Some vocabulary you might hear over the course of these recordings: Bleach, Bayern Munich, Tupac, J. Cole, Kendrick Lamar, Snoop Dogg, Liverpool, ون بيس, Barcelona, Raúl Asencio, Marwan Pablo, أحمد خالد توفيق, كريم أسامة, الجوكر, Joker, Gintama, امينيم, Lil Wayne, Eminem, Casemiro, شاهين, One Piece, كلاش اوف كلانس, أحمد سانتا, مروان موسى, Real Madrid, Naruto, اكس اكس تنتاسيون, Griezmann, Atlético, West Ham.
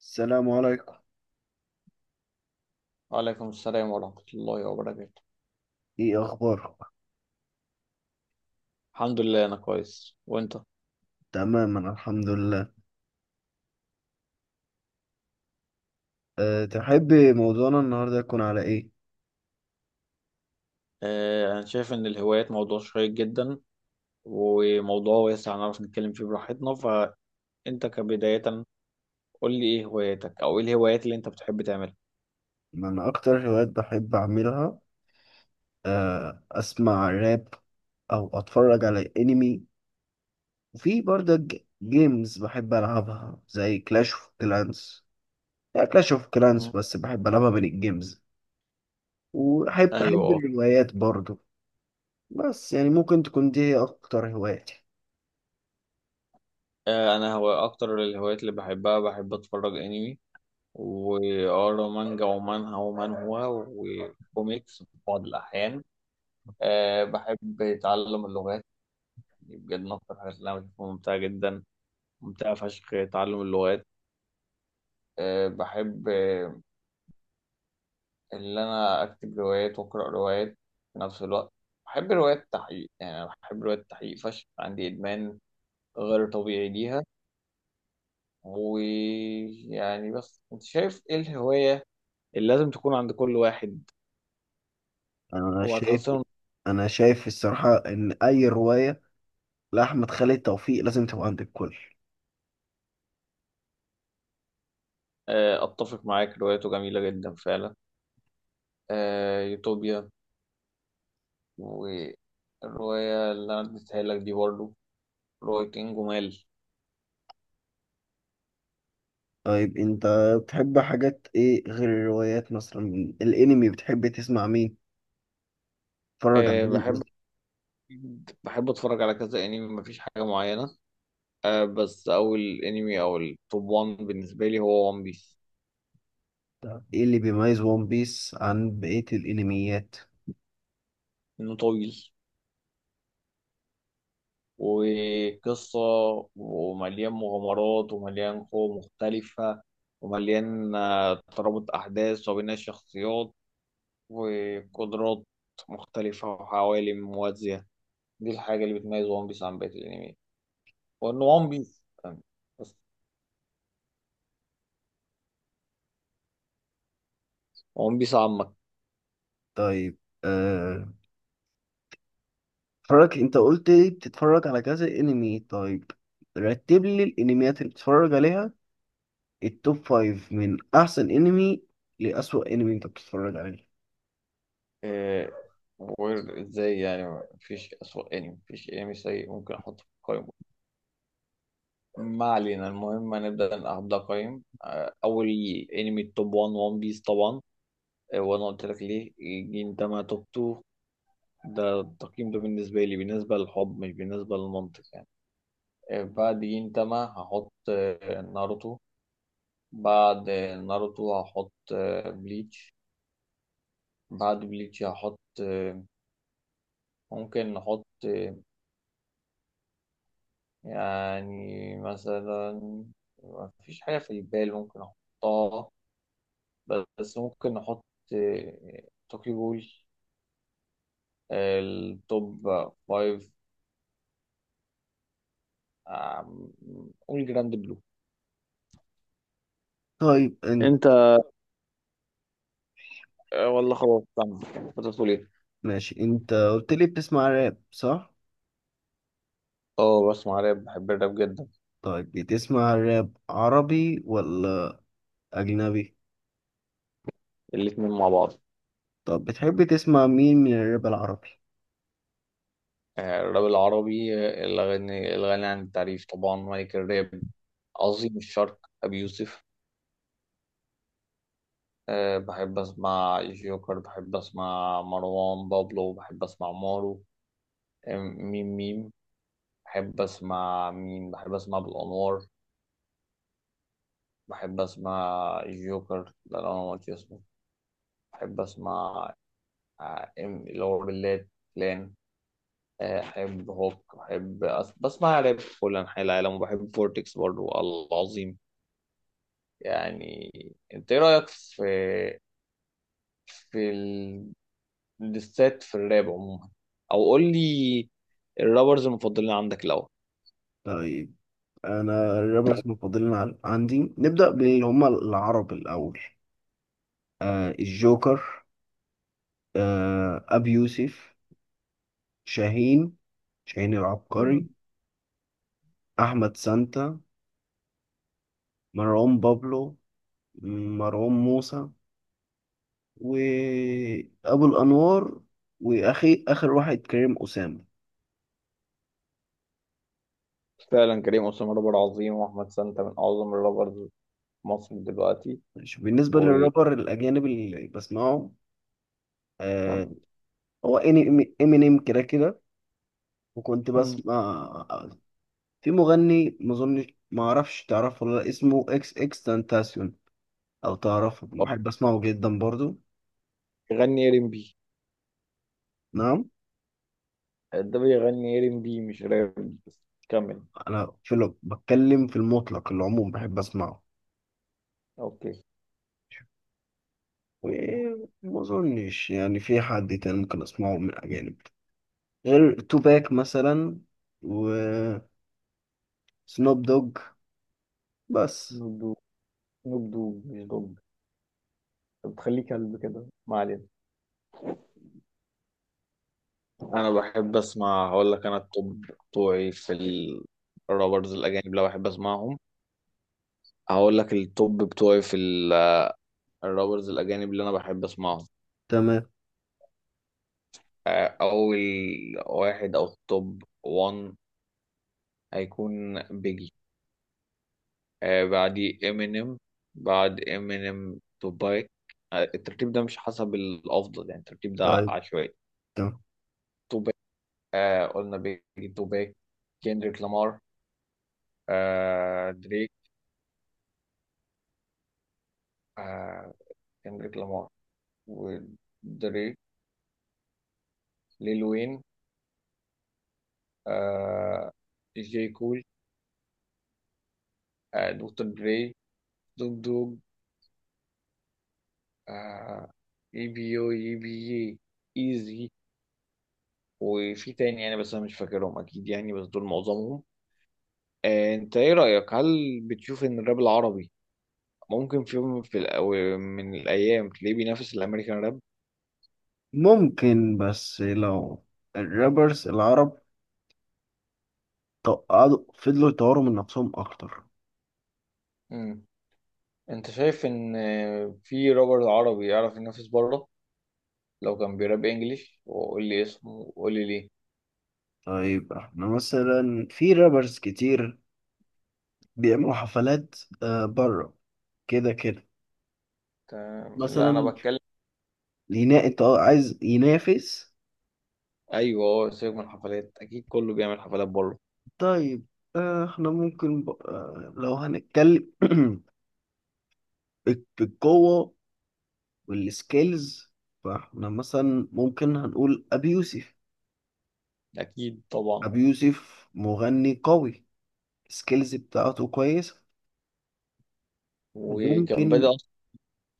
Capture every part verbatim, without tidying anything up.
السلام عليكم. وعليكم السلام ورحمة الله وبركاته. ايه اخبارك؟ الحمد لله أنا كويس وأنت؟ تماما الحمد لله. أه، تحبي موضوعنا النهارده يكون على ايه؟ آه، أنا شايف إن الهوايات موضوع شيق جدا وموضوع واسع نعرف نتكلم فيه براحتنا، فأنت كبداية قول لي إيه هواياتك أو إيه الهوايات اللي أنت بتحب تعملها؟ من اكتر الهوايات بحب اعملها أه اسمع راب، او اتفرج على انمي، وفي برضه جيمز بحب العبها زي كلاش اوف كلانس. يعني كلاش اوف كلانس مم. بس بحب العبها من الجيمز. وبحب بحب أيوه. الروايات برضه. بس يعني ممكن تكون دي هي اكتر هواياتي. آه، أنا هو أكتر الهوايات اللي بحبها بحب أتفرج أنمي وأقرا مانجا ومانهوا ومانهوا وكوميكس في بعض الأحيان. آه، بحب أتعلم اللغات، دي بجد من أكتر الحاجات اللي أنا بشوفها ممتعة جدا، ممتع فشخ تعلم اللغات. أه بحب آه، اللي أنا أكتب روايات وأقرأ روايات في نفس الوقت. بحب روايات التحقيق، يعني أنا بحب روايات التحقيق فشخ، عندي إدمان غير طبيعي ليها. ويعني بس أنت شايف إيه الهواية اللي لازم تكون عند كل واحد؟ انا هو شايف هتحسن. انا شايف الصراحه ان اي روايه لا أحمد خالد توفيق لازم تبقى عندك كل. أه، أتفق معاك، روايته جميلة جدا فعلا. أه، يوتوبيا، والرواية اللي أنا اديتها لك دي برضه رواية إنجمال. طيب أنت بتحب حاجات إيه غير الروايات؟ مثلا من الأنمي بتحب تسمع مين؟ تتفرج على أه، مين بحب قصدي؟ بحب اتفرج على كذا انمي، مفيش حاجه معينه. آه، بس اول انمي او التوب واحد بالنسبه لي هو ون بيس. إيه اللي بيميز ون بيس عن بقية الأنميات؟ انه طويل وقصه ومليان مغامرات ومليان قوى مختلفه ومليان آه، ترابط احداث وبناء شخصيات وقدرات مختلفه وعوالم موازيه. دي الحاجه اللي بتميز ون بيس عن بقيه الانمي، وانه ون بيس بس، ون بيس عامه. طيب أه... اتفرج. أنت قلت لي بتتفرج على كذا أنمي، طيب رتب لي الأنميات اللي بتتفرج عليها، التوب فايف من أحسن أنمي لأسوأ أنمي أنت بتتفرج عليه. إيه وير ازاي؟ يعني مفيش أسوأ انمي، مفيش انمي سيء ممكن احطه في القائمة. ما علينا، المهم هنبدأ نبدأ قائمة. آه، أول انمي التوب واحد ون بيس طبعا. آه، وأنا قلت لك ليه. إيه، ده ما توب اتنين. ده التقييم ده بالنسبة لي، بالنسبة للحب مش بالنسبة للمنطق يعني. آه، بعد جينتاما هحط آه، ناروتو. بعد آه، ناروتو هحط آه، بليتش. بعد بليتش هحط آه، ممكن نحط آه، يعني مثلا ما فيش حاجة في البال ممكن أحطها. بس ممكن نحط توكي بول. التوب فايف. آم، قول جراند بلو. طيب أنت، انت. آه، والله خلاص، استنى كنت بتقول ايه؟ ماشي، أنت قلت لي بتسمع راب صح؟ اه، بسمع راب، بحب الراب جدا. طيب بتسمع راب عربي ولا أجنبي؟ الاتنين مع بعض. طب بتحب تسمع مين من الراب العربي؟ آه، الراب العربي، آه، الغني الغني عن التعريف طبعا ملك الراب، عظيم الشرق أبي يوسف. أه، بحب أسمع جوكر، بحب أسمع مروان بابلو، بحب أسمع مارو. أه، ميم ميم بحب أسمع مين، بحب أسمع بالأنوار. بحب أسمع جوكر، ده اللي أنا قلت اسمه. بحب أسمع أه، إم- اللي هو بالليل لان. أحب هوك، بحب أس... بسمع راب في كل أنحاء العالم، وبحب فورتكس برضو العظيم. يعني أنت إيه رأيك في في للست في الراب عموما؟ او قول لي الرابرز المفضلين عندك الاول. طيب أنا الرابرز المفضلين عن- عندي نبدأ باللي هما العرب الأول. آه الجوكر، آه أبي يوسف شاهين، شاهين العبقري، مم. أحمد سانتا، مروان بابلو، مروان موسى، وأبو الأنوار، وأخي آخر واحد كريم أسامة. فعلا كريم أسامة رابر عظيم، وأحمد سانتا من أعظم الرابرز في مصر دلوقتي. ماشي. بالنسبة وكم. للرابر الأجانب اللي بسمعه، آه، هو إني- امينيم كده كده، وكنت مم. بسمع في مغني ما اظنش ما اعرفش تعرفه ولا لأ، اسمه اكس اكس تنتاسيون. او تعرفه؟ بحب اسمعه جدا برضو. بيغني ار ام بي؟ نعم، ده بيغني ار ام بي مش راب، بس كمل. انا في لو بتكلم في المطلق العموم بحب اسمعه. اوكي. وما اظنش يعني في حد تاني ممكن اسمعه من اجانب غير توباك مثلا، وسنوب دوج بس. نوب دوب، نوب دوب مش دوب. طب تخليه كلب كده، ما علينا. انا بحب اسمع، هقول لك انا التوب بتوعي في الرابرز الاجانب لو بحب اسمعهم. هقول لك التوب بتوعي في الرابرز الأجانب اللي أنا بحب أسمعهم. تمام. آه، أول واحد أو التوب واحد هيكون بيجي. آه، بعديه إمينيم. بعد إمينيم توباك. آه، الترتيب ده مش حسب الأفضل، يعني الترتيب ده ع- طيب عشوائي. تمام. توباك. آه، قلنا بيجي توباك، كيندريك لامار، آه، دريك. آه، كيندريك لامار ودريك، ليل وين، آه، جي كول، آه، دكتور دري، دوج. آه، اي بي يو اي بي يي، ايزي. وفي تاني يعني بس انا مش فاكرهم اكيد، يعني بس دول معظمهم. آه، انت ايه رأيك، هل بتشوف ان الراب العربي ممكن في يوم في الأو- من الايام تلاقيه بينافس الامريكان راب؟ ممكن، بس لو الرابرز العرب طب قعدوا فضلوا يطوروا من نفسهم اكتر. امم، انت شايف ان آه، في رابر عربي يعرف ينافس بره لو كان بيراب انجليش؟ وقول لي اسمه وقول لي ليه. طيب احنا مثلا في رابرز كتير بيعملوا حفلات آه بره كده كده، تمام، لا انا مثلا بتكلم. ينا... انت عايز ينافس. ايوه، اه سيبك من الحفلات، اكيد كله بيعمل حفلات بره. طيب، آه احنا ممكن ب... آه لو هنتكلم بال- بالقوة والسكيلز، فاحنا مثلا ممكن هنقول ابي يوسف. اكيد طبعا. ابي يوسف مغني قوي، السكيلز بتاعته كويسة. وكان بادئ ممكن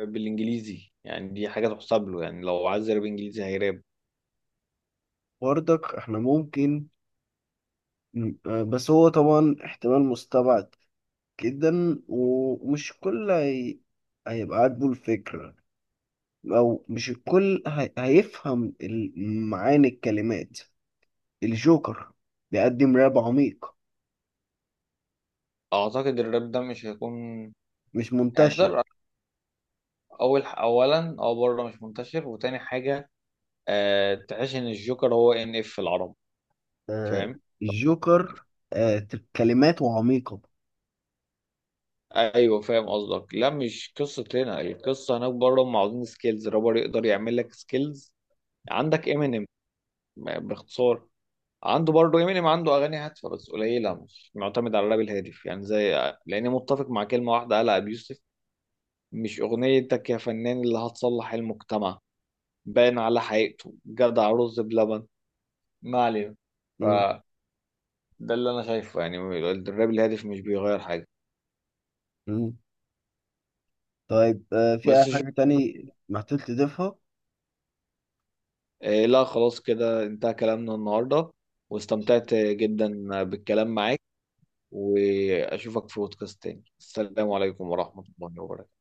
بالانجليزي يعني، دي حاجه تحسب له، يعني لو عايز يراب انجليزي هيراب. برضك احنا ممكن. مم. آه، بس هو طبعا احتمال مستبعد جدا، ومش الكل هي... هيبقى عاجبه الفكرة، أو مش الكل هي... هيفهم ال- معاني الكلمات. الجوكر بيقدم راب عميق، اعتقد الراب ده مش هيكون مش يعني منتشر. تقدر، اول اولا او بره مش منتشر، وتاني حاجه أه تحس ان الجوكر هو ان اف في العرب؟ آه، فاهم. الجوكر، آه، ت- كلماته عميقة. ايوه فاهم قصدك، لا مش قصه هنا، القصه هناك بره هم عاوزين سكيلز، رابر يقدر يعمل لك سكيلز. عندك امينيم باختصار، عنده برضه امينيم عنده اغاني هادفه بس قليله، مش معتمد على الراب الهادف يعني. زي لاني متفق مع كلمه واحده قالها ابي يوسف، مش أغنيتك يا فنان اللي هتصلح المجتمع. باين على حقيقته جدع رز بلبن، ما علينا. مم. فده اللي أنا شايفه يعني، الراب الهادف مش بيغير حاجة. مم. طيب، آه، في أي بس جو... حاجة تاني محتاج تضيفها؟ آه لا خلاص كده انتهى كلامنا النهاردة. واستمتعت جدا بالكلام معاك وأشوفك في بودكاست تاني. السلام عليكم ورحمة الله وبركاته.